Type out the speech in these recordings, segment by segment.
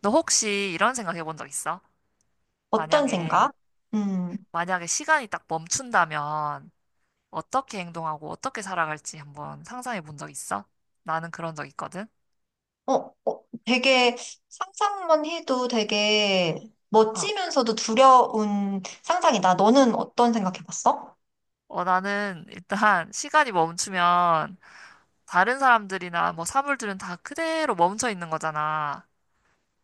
너 혹시 이런 생각 해본 적 있어? 어떤 만약에, 생각? 음. 만약에 시간이 딱 멈춘다면 어떻게 행동하고 어떻게 살아갈지 한번 상상해 본 적 있어? 나는 그런 적 있거든? 어, 되게 상상만 해도 되게 어. 멋지면서도 두려운 상상이다. 너는 어떤 생각 해봤어? 어, 나는 일단 시간이 멈추면 다른 사람들이나 뭐 사물들은 다 그대로 멈춰 있는 거잖아.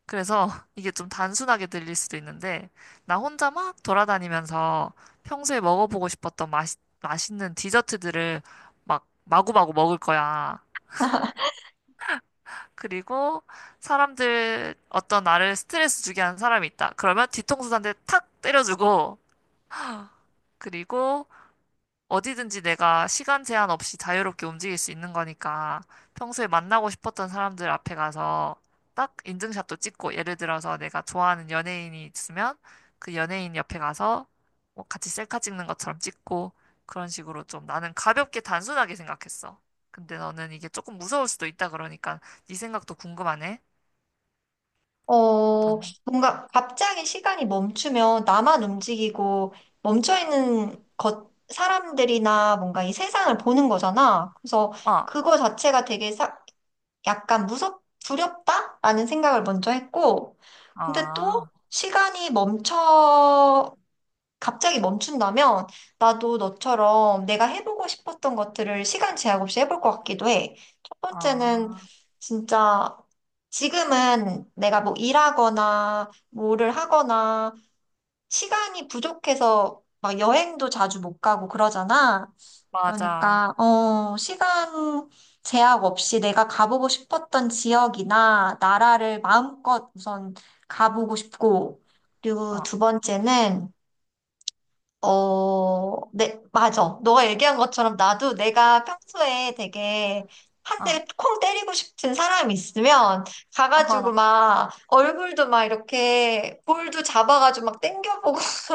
그래서 이게 좀 단순하게 들릴 수도 있는데 나 혼자 막 돌아다니면서 평소에 먹어보고 싶었던 맛있는 디저트들을 막 마구마구 먹을 거야. 그리고 사람들 어떤 나를 스트레스 주게 하는 사람이 있다. 그러면 뒤통수 한 대 탁 때려주고 그리고 어디든지 내가 시간 제한 없이 자유롭게 움직일 수 있는 거니까 평소에 만나고 싶었던 사람들 앞에 가서 딱 인증샷도 찍고 예를 들어서 내가 좋아하는 연예인이 있으면 그 연예인 옆에 가서 뭐 같이 셀카 찍는 것처럼 찍고 그런 식으로 좀 나는 가볍게 단순하게 생각했어. 근데 너는 이게 조금 무서울 수도 있다 그러니까 네 생각도 궁금하네. 넌 뭔가 갑자기 시간이 멈추면 나만 움직이고 멈춰있는 것, 사람들이나 뭔가 이 세상을 보는 거잖아. 그래서 어, 그거 자체가 되게 약간 두렵다라는 생각을 먼저 했고, 근데 또 아, 시간이 멈춰 갑자기 멈춘다면 나도 너처럼 내가 해보고 싶었던 것들을 시간 제약 없이 해볼 것 같기도 해. 첫 번째는 아, 진짜 지금은 내가 뭐 일하거나 뭐를 하거나 시간이 부족해서 막 여행도 자주 못 가고 그러잖아. 맞아. 그러니까, 시간 제약 없이 내가 가보고 싶었던 지역이나 나라를 마음껏 우선 가보고 싶고, 그리고 어, 두 번째는 네, 맞아. 너가 얘기한 것처럼 나도 내가 평소에 되게 한 어, 대 콩 때리고 싶은 사람이 있으면 가가지고 어, 막 얼굴도 막 이렇게 볼도 잡아가지고 막 땡겨보고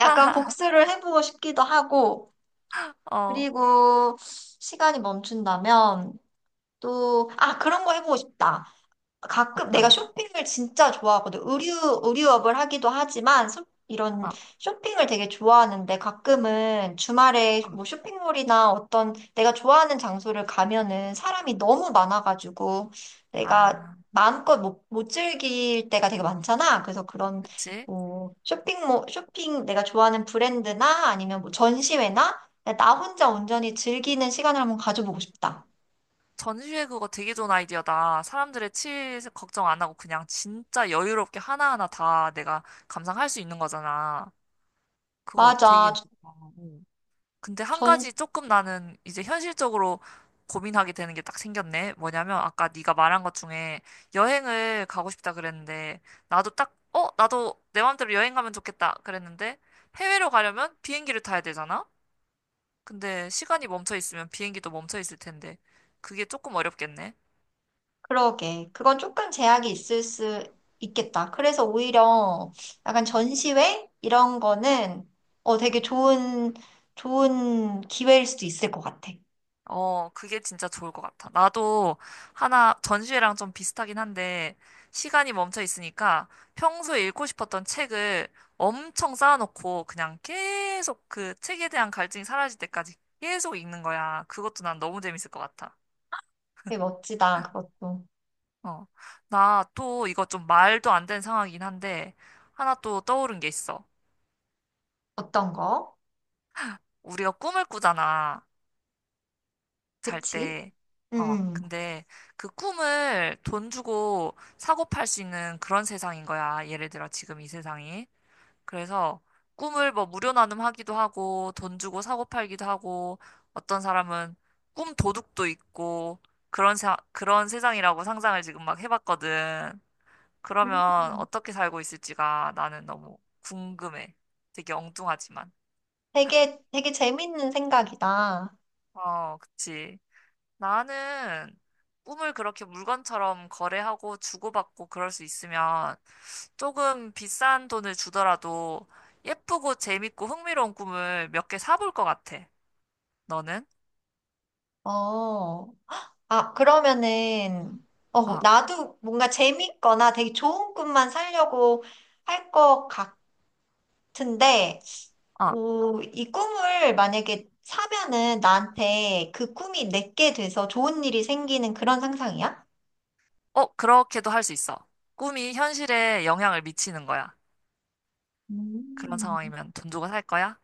약간 복수를 해보고 싶기도 하고 어, 그리고 시간이 멈춘다면 또, 아, 그런 거 해보고 싶다. 가끔 내가 어떤 거? 쇼핑을 진짜 좋아하거든. 의류업을 하기도 하지만 이런 어, 쇼핑을 되게 좋아하는데 가끔은 주말에 어, 뭐 쇼핑몰이나 어떤 내가 좋아하는 장소를 가면은 사람이 너무 많아가지고 내가 아, 마음껏 못 즐길 때가 되게 많잖아. 그래서 그런 그치? 뭐 쇼핑몰, 쇼핑 내가 좋아하는 브랜드나 아니면 뭐 전시회나 나 혼자 온전히 즐기는 시간을 한번 가져보고 싶다. 전시회 그거 되게 좋은 아이디어다. 사람들의 치일 걱정 안 하고 그냥 진짜 여유롭게 하나하나 다 내가 감상할 수 있는 거잖아. 그거 되게 맞아. 좋다. 근데 한 가지 조금 나는 이제 현실적으로 고민하게 되는 게 딱 생겼네. 뭐냐면 아까 네가 말한 것 중에 여행을 가고 싶다 그랬는데 나도 딱 어, 나도 내 마음대로 여행 가면 좋겠다 그랬는데 해외로 가려면 비행기를 타야 되잖아. 근데 시간이 멈춰 있으면 비행기도 멈춰 있을 텐데 그게 조금 어렵겠네. 그러게. 그건 조금 제약이 있을 수 있겠다. 그래서 오히려 약간 전시회? 이런 거는 응. 되게 좋은 기회일 수도 있을 것 같아. 어, 그게 진짜 좋을 것 같아. 나도 하나 전시회랑 좀 비슷하긴 한데 시간이 멈춰 있으니까 평소에 읽고 싶었던 책을 엄청 쌓아놓고 그냥 계속 그 책에 대한 갈증이 사라질 때까지 계속 읽는 거야. 그것도 난 너무 재밌을 것 같아. 되게 멋지다, 그것도. 어. 나 또 이거 좀 말도 안 되는 상황이긴 한데 하나 또 떠오른 게 있어. 어떤 거? 우리가 꿈을 꾸잖아. 잘 그치? 때. 어, 음. 근데 그 꿈을 돈 주고 사고 팔 수 있는 그런 세상인 거야. 예를 들어 지금 이 세상이. 그래서 꿈을 뭐 무료 나눔하기도 하고 돈 주고 사고 팔기도 하고 어떤 사람은 꿈 도둑도 있고 그런 세상이라고 상상을 지금 막 해봤거든. 음. 그러면 어떻게 살고 있을지가 나는 너무 궁금해. 되게 엉뚱하지만. 되게, 되게 재밌는 생각이다. 어, 그치. 나는 꿈을 그렇게 물건처럼 거래하고 주고받고 그럴 수 있으면 조금 비싼 돈을 주더라도 예쁘고 재밌고 흥미로운 꿈을 몇 개 사볼 것 같아. 너는? 어. 아, 그러면은, 어, 나도 뭔가 재밌거나 되게 좋은 꿈만 살려고 할 것 같은데, 어, 오, 이 꿈을 만약에 사면은 나한테 그 꿈이 내게 돼서 좋은 일이 생기는 그런 상상이야? 어, 그렇게도 할 수 있어. 꿈이 현실에 영향을 미치는 거야. 그런 음. 상황이면 돈 주고 살 거야?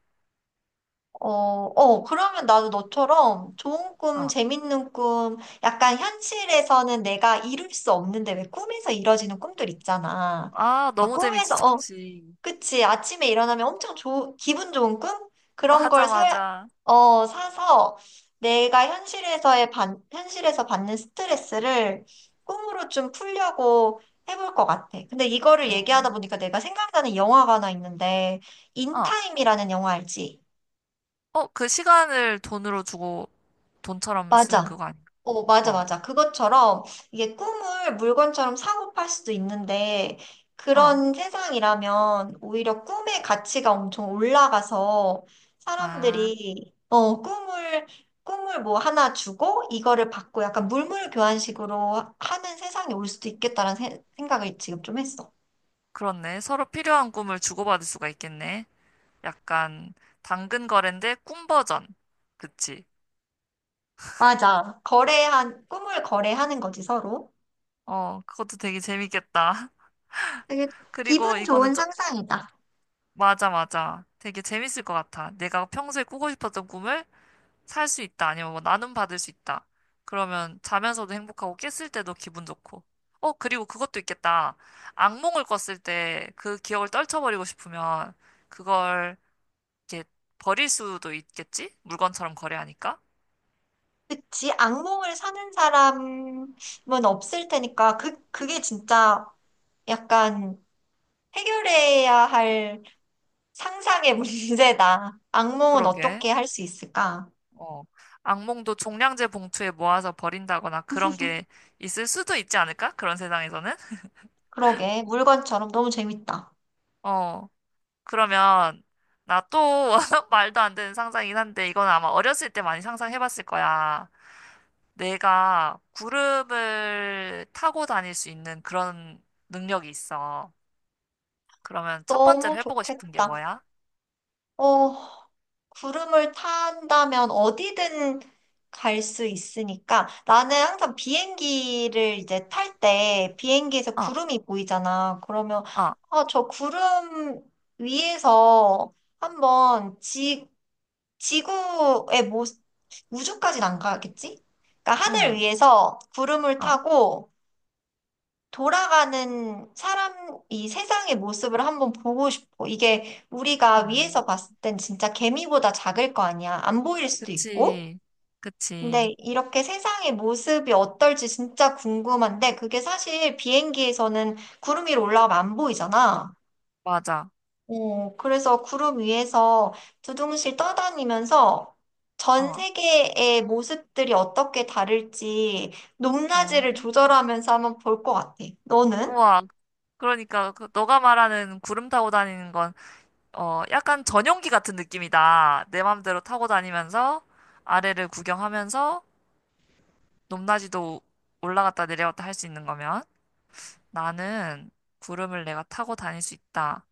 어, 어, 그러면 나도 너처럼 좋은 꿈, 어. 재밌는 꿈, 약간 현실에서는 내가 이룰 수 없는데 왜 꿈에서 이뤄지는 꿈들 있잖아. 아, 막 너무 재밌 꿈에서, 지 좋지. 그치. 아침에 일어나면 엄청 좋 기분 좋은 꿈? 그런 맞아, 걸 사, 맞아. 어, 사서 내가 현실에서 받는 스트레스를 꿈으로 좀 풀려고 해볼 것 같아. 근데 이거를 음, 얘기하다 보니까 내가 생각나는 영화가 하나 있는데, 어, 인타임이라는 영화 알지? 어, 그 시간을 돈으로 주고 돈처럼 쓰는 맞아. 그거 아닌가? 맞아, 어, 맞아. 그것처럼 이게 꿈을 물건처럼 사고 팔 수도 있는데 어. 그런 세상이라면 오히려 꿈의 가치가 엄청 올라가서 아. 사람들이 꿈을 뭐 하나 주고 이거를 받고 약간 물물 교환식으로 하는 세상이 올 수도 있겠다라는 생각을 지금 좀 했어. 그렇네. 서로 필요한 꿈을 주고받을 수가 있겠네. 약간 당근 거래인데 꿈 버전. 그치? 맞아. 거래한 꿈을 거래하는 거지 서로. 어, 그것도 되게 재밌겠다. 되게 그리고 기분 이거는 좋은 좀, 상상이다. 맞아, 맞아. 되게 재밌을 것 같아. 내가 평소에 꾸고 싶었던 꿈을 살 수 있다. 아니면 뭐 나눔 받을 수 있다. 그러면 자면서도 행복하고 깼을 때도 기분 좋고. 어, 그리고 그것도 있겠다. 악몽을 꿨을 때 그 기억을 떨쳐버리고 싶으면 그걸 이렇게 버릴 수도 있겠지? 물건처럼 거래하니까. 그치, 악몽을 사는 사람은 없을 테니까, 그게 진짜 약간 해결해야 할 상상의 문제다. 악몽은 그러게. 어떻게 할 수 있을까? 어, 악몽도 종량제 봉투에 모아서 버린다거나 그런 게 있을 수도 있지 않을까? 그런 세상에서는? 그러게, 물건처럼 너무 재밌다. 어, 그러면 나 또 말도 안 되는 상상이긴 한데 이건 아마 어렸을 때 많이 상상해봤을 거야. 내가 구름을 타고 다닐 수 있는 그런 능력이 있어. 그러면 첫 번째로 너무 해보고 싶은 게 좋겠다. 뭐야? 어, 구름을 탄다면 어디든 갈 수 있으니까 나는 항상 비행기를 이제 탈 때 비행기에서 어, 구름이 보이잖아. 그러면 어, 아, 저 구름 위에서 한번 지구의 모 우주까지는 안 가겠지? 그러니까 하늘 응, 위에서 구름을 어, 타고 돌아가는 사람, 이 세상의 모습을 한번 보고 싶어. 이게 우리가 아, 위에서 봤을 땐 진짜 개미보다 작을 거 아니야. 안 보일 수도 있고. 그치, 그치, 근데 이렇게 세상의 모습이 어떨지 진짜 궁금한데, 그게 사실 비행기에서는 구름 위로 올라가면 안 보이잖아. 맞아. 그래서 구름 위에서 두둥실 떠다니면서 전 어, 세계의 모습들이 어떻게 다를지 어. 높낮이를 조절하면서 한번 볼 것 같아. 너는? 우와, 그러니까 그 너가 말하는 구름 타고 다니는 건 어, 약간 전용기 같은 느낌이다. 내 맘대로 타고 다니면서 아래를 구경하면서 높낮이도 올라갔다 내려갔다 할 수 있는 거면 나는 구름을 내가 타고 다닐 수 있다.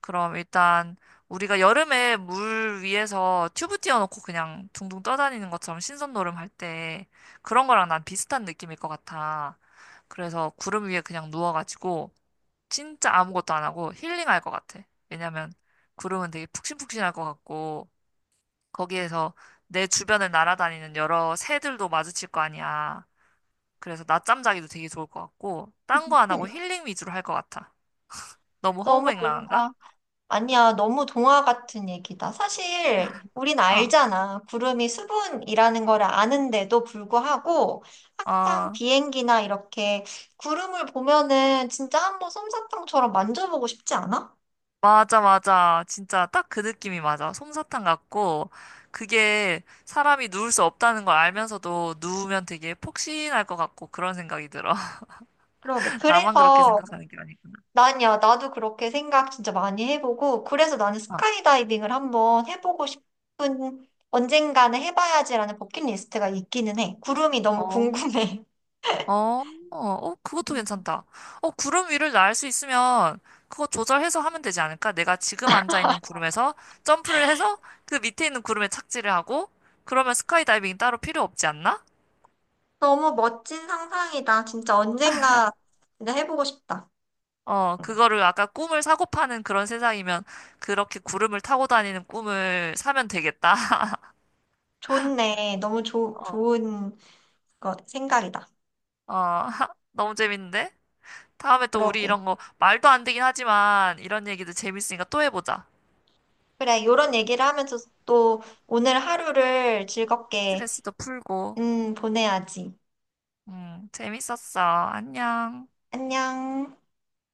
그럼 일단 우리가 여름에 물 위에서 튜브 띄워놓고 그냥 둥둥 떠다니는 것처럼 신선놀음 할 때 그런 거랑 난 비슷한 느낌일 것 같아. 그래서 구름 위에 그냥 누워가지고 진짜 아무것도 안 하고 힐링할 것 같아. 왜냐면 구름은 되게 푹신푹신할 것 같고 거기에서 내 주변을 날아다니는 여러 새들도 마주칠 거 아니야. 그래서 낮잠 자기도 되게 좋을 것 같고 딴 거 안 하고 힐링 위주로 할 것 같아. 너무 너무 허우맹랑한가? 뭔가, 아니야, 너무 동화 같은 얘기다. 사실, 우린 아, 알잖아. 구름이 수분이라는 걸 아는데도 불구하고, 항상 아, 비행기나 이렇게 구름을 보면은 진짜 한번 솜사탕처럼 만져보고 싶지 않아? 맞아, 맞아. 진짜 딱 그 느낌이 맞아. 솜사탕 같고 그게 사람이 누울 수 없다는 걸 알면서도 누우면 되게 폭신할 것 같고 그런 생각이 들어. 그러게. 나만 그렇게 그래서, 생각하는 게 아니구나. 나도 그렇게 생각 진짜 많이 해보고, 그래서 나는 아, 스카이다이빙을 한번 해보고 싶은, 언젠가는 해봐야지라는 버킷리스트가 있기는 해. 구름이 너무 어, 궁금해. 어, 어, 그것도 괜찮다. 어, 구름 위를 날 수 있으면 그거 조절해서 하면 되지 않을까? 내가 지금 앉아 있는 구름에서 점프를 해서 그 밑에 있는 구름에 착지를 하고 그러면 스카이다이빙 따로 필요 없지 않나? 너무 멋진 상상이다. 진짜 언젠가 진짜 해보고 싶다. 어, 그거를 아까 꿈을 사고 파는 그런 세상이면 그렇게 구름을 타고 다니는 꿈을 사면 되겠다. 좋네. 너무 좋은 생각이다. 어, 어, 너무 재밌는데? 다음에 또 우리 그러게. 이런 거 말도 안 되긴 하지만 이런 얘기도 재밌으니까 또 해보자. 그래, 이런 얘기를 하면서 또 오늘 하루를 즐겁게, 스트레스도 풀고. 보내야지. 재밌었어. 안녕. 안녕.